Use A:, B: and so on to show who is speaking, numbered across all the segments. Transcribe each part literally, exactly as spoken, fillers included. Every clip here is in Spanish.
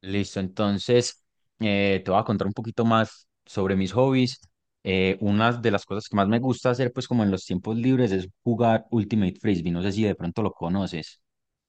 A: Listo, entonces eh, te voy a contar un poquito más sobre mis hobbies. Eh, una de las cosas que más me gusta hacer, pues como en los tiempos libres, es jugar Ultimate Frisbee. No sé si de pronto lo conoces.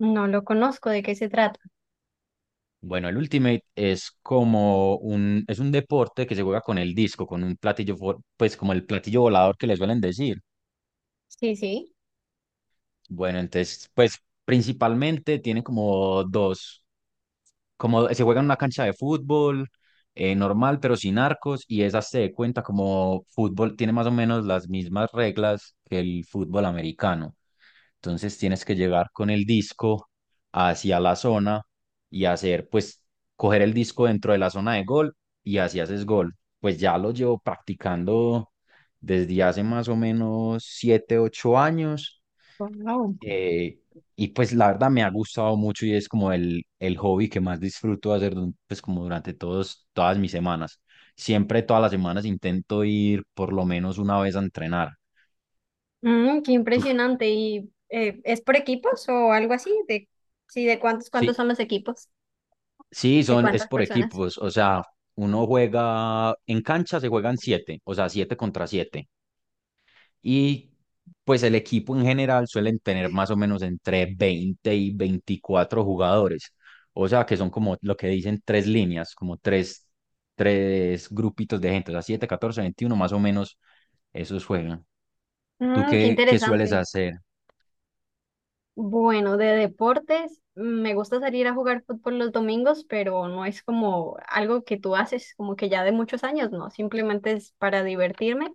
B: No lo conozco, ¿de qué se trata?
A: Bueno, el Ultimate es como un, es un deporte que se juega con el disco, con un platillo, vo- pues como el platillo volador que le suelen decir.
B: Sí, sí.
A: Bueno, entonces, pues principalmente tiene como dos, como se juega en una cancha de fútbol eh, normal, pero sin arcos, y esa se de cuenta como fútbol, tiene más o menos las mismas reglas que el fútbol americano. Entonces tienes que llegar con el disco hacia la zona y hacer, pues, coger el disco dentro de la zona de gol y así haces gol. Pues ya lo llevo practicando desde hace más o menos siete, ocho años,
B: Wow.
A: eh, y pues la verdad me ha gustado mucho y es como el, el hobby que más disfruto hacer du- pues como durante todos, todas mis semanas. Siempre todas las semanas intento ir por lo menos una vez a entrenar.
B: Mm, qué
A: Tú-
B: impresionante. ¿Y eh, es por equipos o algo así? De, sí, ¿de cuántos, cuántos
A: Sí,
B: son los equipos?
A: sí,
B: ¿De
A: son, es
B: cuántas
A: por
B: personas?
A: equipos, o sea, uno juega, en cancha se juegan siete, o sea, siete contra siete. Y pues el equipo en general suelen tener más o menos entre veinte y veinticuatro jugadores. O sea, que son como lo que dicen tres líneas, como tres, tres grupitos de gente. O sea, siete, catorce, veintiuno, más o menos esos juegan. ¿Tú
B: Mm, qué
A: qué, qué sueles
B: interesante.
A: hacer?
B: Bueno, de deportes, mm, me gusta salir a jugar fútbol los domingos, pero no es como algo que tú haces, como que ya de muchos años, no, simplemente es para divertirme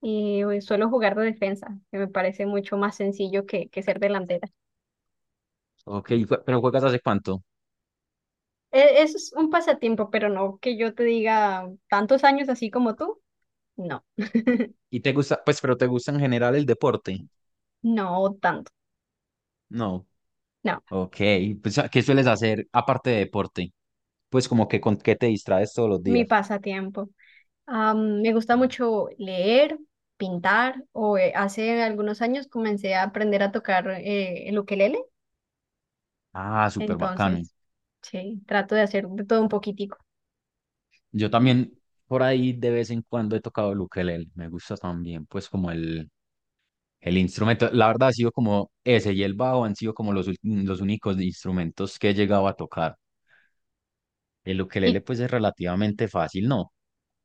B: y eh, suelo jugar de defensa, que me parece mucho más sencillo que, que ser delantera.
A: Ok, jue- pero ¿juegas hace cuánto?
B: E- Eso es un pasatiempo, pero no que yo te diga tantos años así como tú. No,
A: ¿Y te gusta, pues, pero te gusta en general el deporte?
B: no tanto.
A: No.
B: No,
A: Ok, pues, ¿qué sueles hacer aparte de deporte? Pues como que con qué te distraes todos los
B: mi
A: días.
B: pasatiempo. Am, me gusta mucho leer, pintar, o eh, hace algunos años comencé a aprender a tocar eh, el ukelele.
A: Ah, súper bacano.
B: Entonces, sí, trato de hacer de todo un poquitico.
A: Yo también por ahí de vez en cuando he tocado el ukelele. Me gusta también, pues, como el, el instrumento. La verdad ha sido como ese y el bajo han sido como los, ul- los únicos instrumentos que he llegado a tocar. El ukelele,
B: Y
A: pues, es relativamente fácil, ¿no?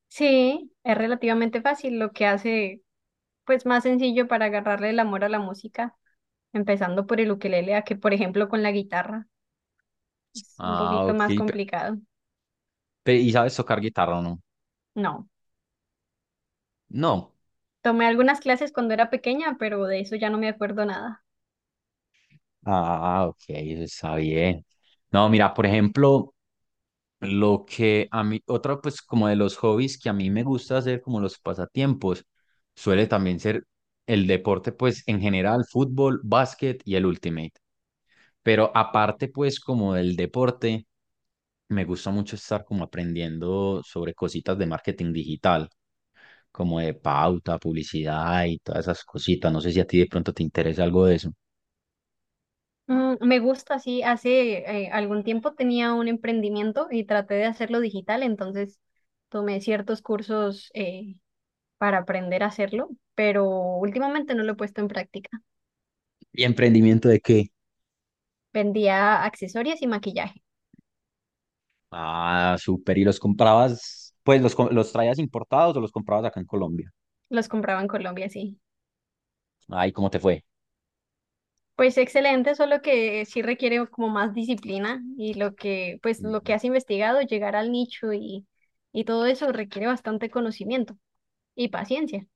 B: sí, es relativamente fácil, lo que hace pues más sencillo para agarrarle el amor a la música, empezando por el ukelele, a que por ejemplo con la guitarra. Es un
A: Ah,
B: poquito
A: ok.
B: más
A: Pe-
B: complicado.
A: pe- ¿Y sabes tocar guitarra o no?
B: No.
A: No.
B: Tomé algunas clases cuando era pequeña, pero de eso ya no me acuerdo nada.
A: Ah, ok, eso está bien. No, mira, por ejemplo. Lo que a mí, otra pues como de los hobbies que a mí me gusta hacer como los pasatiempos, suele también ser el deporte pues en general, fútbol, básquet y el ultimate. Pero aparte pues como del deporte, me gusta mucho estar como aprendiendo sobre cositas de marketing digital, como de pauta, publicidad y todas esas cositas. No sé si a ti de pronto te interesa algo de eso.
B: Mm, me gusta, sí. Hace eh, algún tiempo tenía un emprendimiento y traté de hacerlo digital, entonces tomé ciertos cursos eh, para aprender a hacerlo, pero últimamente no lo he puesto en práctica.
A: ¿Y emprendimiento de qué?
B: Vendía accesorios y maquillaje.
A: Ah, súper. ¿Y los comprabas, pues los, co- los traías importados o los comprabas acá en Colombia?
B: Los compraba en Colombia, sí.
A: Ay, ¿cómo te fue?
B: Pues excelente, solo que sí requiere como más disciplina y lo que, pues lo que
A: Ujú.
B: has investigado, llegar al nicho y, y todo eso requiere bastante conocimiento y paciencia,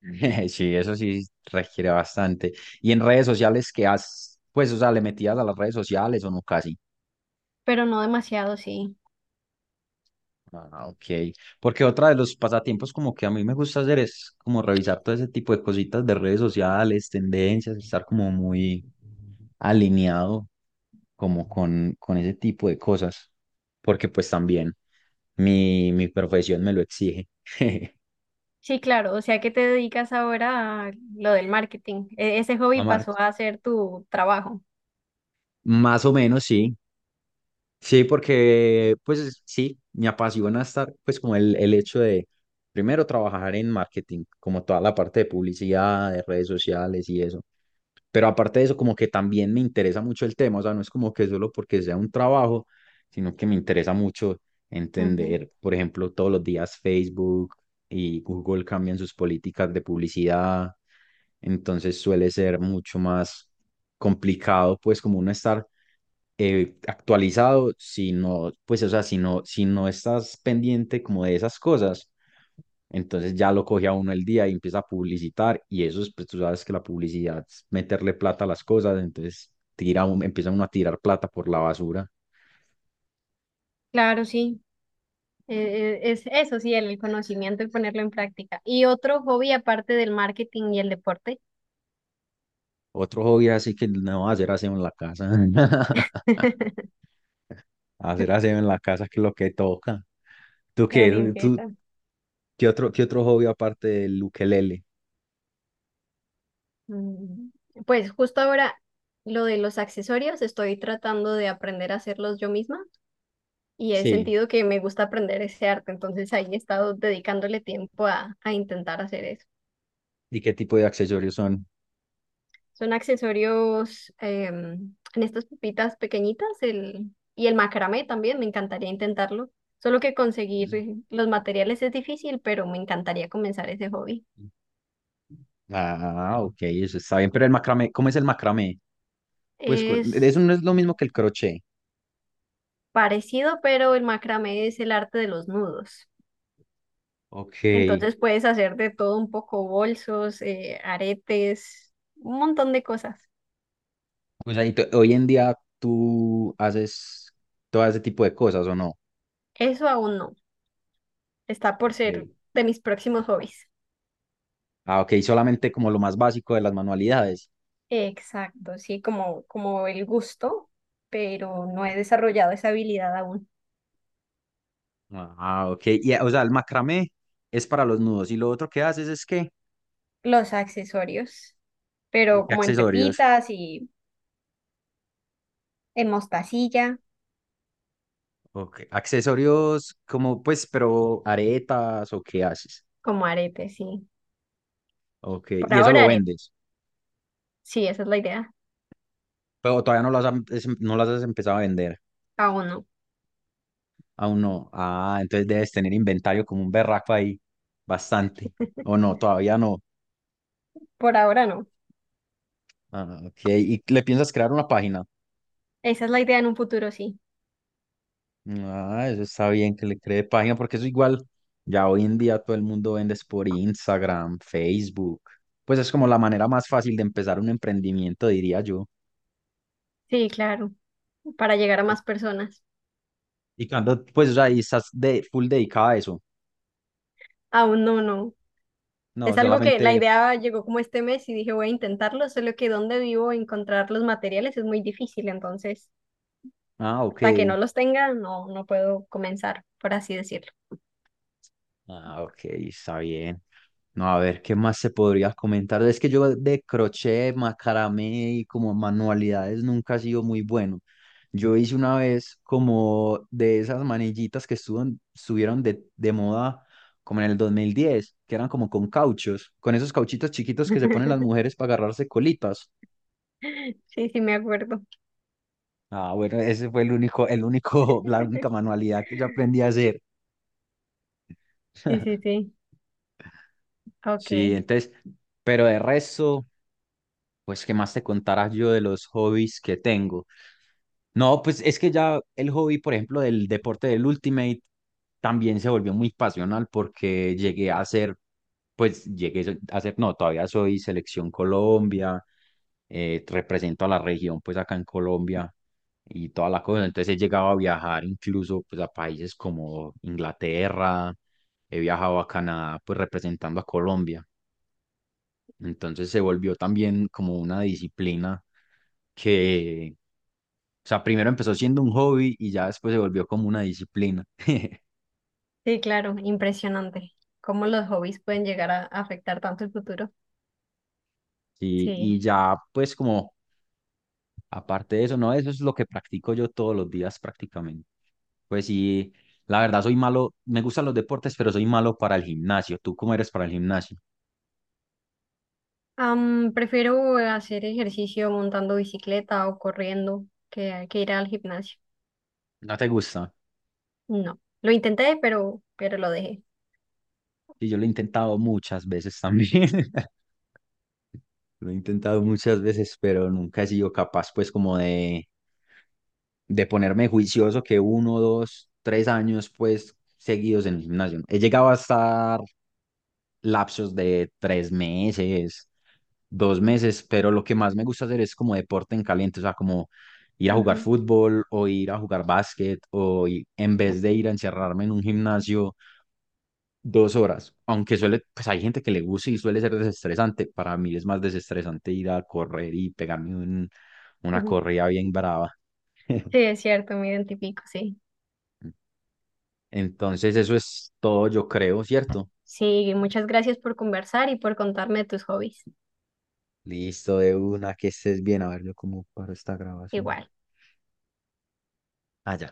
A: Sí, eso sí requiere bastante. ¿Y en redes sociales qué has, pues, o sea, le metías a las redes sociales o no casi?
B: pero no demasiado, sí.
A: Ah, ok. Porque otra de los pasatiempos como que a mí me gusta hacer es como revisar todo ese tipo de cositas de redes sociales, tendencias, estar como muy alineado como con, con ese tipo de cosas. Porque pues también mi, mi profesión me lo exige.
B: Sí, claro, o sea que te dedicas ahora a lo del marketing. E- ese hobby
A: Amar.
B: pasó a ser tu trabajo.
A: Más o menos, sí. Sí, porque pues sí, me apasiona estar, pues como el, el hecho de, primero, trabajar en marketing, como toda la parte de publicidad, de redes sociales y eso. Pero aparte de eso, como que también me interesa mucho el tema, o sea, no es como que solo porque sea un trabajo, sino que me interesa mucho
B: Ujú.
A: entender, por ejemplo, todos los días Facebook y Google cambian sus políticas de publicidad, entonces suele ser mucho más complicado, pues como uno estar eh, actualizado, si no, pues, o sea, si no, si no estás pendiente como de esas cosas, entonces ya lo coge a uno el día y empieza a publicitar y eso es, pues tú sabes que la publicidad es meterle plata a las cosas, entonces tira un- empieza uno a tirar plata por la basura.
B: Claro, sí. E- e- es eso, sí, el conocimiento y ponerlo en práctica. ¿Y otro hobby aparte del marketing y el deporte?
A: Otro hobby así que no hacer aseo en la casa. Hacer aseo en la casa que es lo que toca. ¿Tú
B: La
A: qué? ¿Tú,
B: limpieza.
A: qué otro, qué otro hobby aparte del ukelele?
B: Mm, pues justo ahora lo de los accesorios, estoy tratando de aprender a hacerlos yo misma y he
A: Sí.
B: sentido que me gusta aprender ese arte, entonces ahí he estado dedicándole tiempo a, a intentar hacer eso.
A: ¿Y qué tipo de accesorios son?
B: Son accesorios em, en estas pepitas pequeñitas el, y el macramé también, me encantaría intentarlo, solo que conseguir eh, los materiales es difícil, pero me encantaría comenzar ese hobby.
A: Ah, ok, eso está bien. Pero el macramé, ¿cómo es el macramé? Pues cu- eso
B: Es
A: no es lo mismo que el crochet.
B: parecido, pero el macramé es el arte de los nudos.
A: Ok.
B: Entonces puedes hacer de todo un poco, bolsos, eh, aretes, un montón de cosas.
A: O sea, y tú- hoy en día tú haces todo ese tipo de cosas, ¿o no?
B: Eso aún no. Está por ser
A: Ok.
B: de mis próximos hobbies.
A: Ah, ok, solamente como lo más básico de las manualidades.
B: Exacto, sí, como, como el gusto, pero no he desarrollado esa habilidad aún.
A: Ah, ok. Y, o sea, el macramé es para los nudos. ¿Y lo otro que haces es qué?
B: Los accesorios,
A: ¿Y
B: pero
A: qué
B: como en
A: accesorios?
B: pepitas y en mostacilla,
A: Ok. Accesorios como, pues, pero aretas o qué haces.
B: como aretes, sí.
A: Ok.
B: Por
A: Y eso
B: ahora
A: lo
B: aretes,
A: vendes.
B: sí, esa es la idea.
A: Pero todavía no lo has, em- es- no las has empezado a vender.
B: Aún no.
A: Aún no. Ah, entonces debes tener inventario como un berraco ahí. Bastante. O no, todavía no.
B: Por ahora no.
A: Ah, ok. ¿Y le piensas crear una página?
B: Esa es la idea en un futuro, sí.
A: Ah, eso está bien que le cree página, porque eso igual, ya hoy en día todo el mundo vende es por Instagram, Facebook. Pues es como la manera más fácil de empezar un emprendimiento, diría yo.
B: Sí, claro, para llegar a
A: Y,
B: más personas.
A: y cuando, pues, o sea, y estás de, full dedicada a eso.
B: Aún no, no.
A: No,
B: Es algo que la
A: solamente,
B: idea llegó como este mes y dije voy a intentarlo, solo que donde vivo encontrar los materiales es muy difícil, entonces
A: ah, ok.
B: hasta que no los tenga no, no puedo comenzar, por así decirlo.
A: Ah, ok, está bien. No, a ver, ¿qué más se podría comentar? Es que yo de crochet, macramé y como manualidades nunca he sido muy bueno. Yo hice una vez como de esas manillitas que estuvieron, estuvieron de, de moda como en el dos mil diez que eran como con cauchos, con esos cauchitos chiquitos que se ponen las mujeres para agarrarse colitas.
B: Sí, sí, me acuerdo.
A: Ah, bueno, ese fue el único, el único, la única manualidad que yo aprendí a hacer.
B: Sí, sí, sí.
A: Sí,
B: Ok.
A: entonces, pero de resto. Pues, ¿qué más te contara yo de los hobbies que tengo? No, pues es que ya el hobby, por ejemplo, del deporte del Ultimate también se volvió muy pasional porque llegué a ser, pues llegué so, a ser, no, todavía soy selección Colombia, eh, represento a la región, pues acá en Colombia y toda la cosa. Entonces he llegado a viajar incluso pues a países como Inglaterra, he viajado a Canadá, pues representando a Colombia. Entonces se volvió también como una disciplina que, o sea, primero empezó siendo un hobby y ya después se volvió como una disciplina.
B: Sí, claro, impresionante. Cómo los hobbies pueden llegar a afectar tanto el futuro.
A: Sí, y
B: Sí.
A: ya pues como aparte de eso, no, eso es lo que practico yo todos los días prácticamente. Pues sí, la verdad soy malo, me gustan los deportes, pero soy malo para el gimnasio. ¿Tú cómo eres para el gimnasio?
B: Am, prefiero hacer ejercicio montando bicicleta o corriendo que, que ir al gimnasio.
A: ¿No te gusta?
B: No, lo intenté, pero, pero lo dejé.
A: Sí, yo lo he intentado muchas veces también. Lo he intentado muchas veces, pero nunca he sido capaz pues como de de ponerme juicioso que uno, dos, tres años pues seguidos en el gimnasio, ¿no? He llegado a estar lapsos de tres meses, dos meses, pero lo que más me gusta hacer es como deporte en caliente, o sea, como ir a jugar
B: Ujú,
A: fútbol o ir a jugar básquet o i- en vez de ir a encerrarme en un gimnasio dos horas, aunque suele, pues hay gente que le gusta y suele ser desestresante, para mí es más desestresante ir a correr y pegarme un- una
B: ujú.
A: corrida bien brava.
B: Sí, es cierto, me identifico, sí.
A: Entonces, eso es todo, yo creo, ¿cierto?
B: Sí, muchas gracias por conversar y por contarme de tus hobbies.
A: Listo, de una, que estés bien. A ver, yo cómo paro esta grabación.
B: Igual.
A: Ah, ya.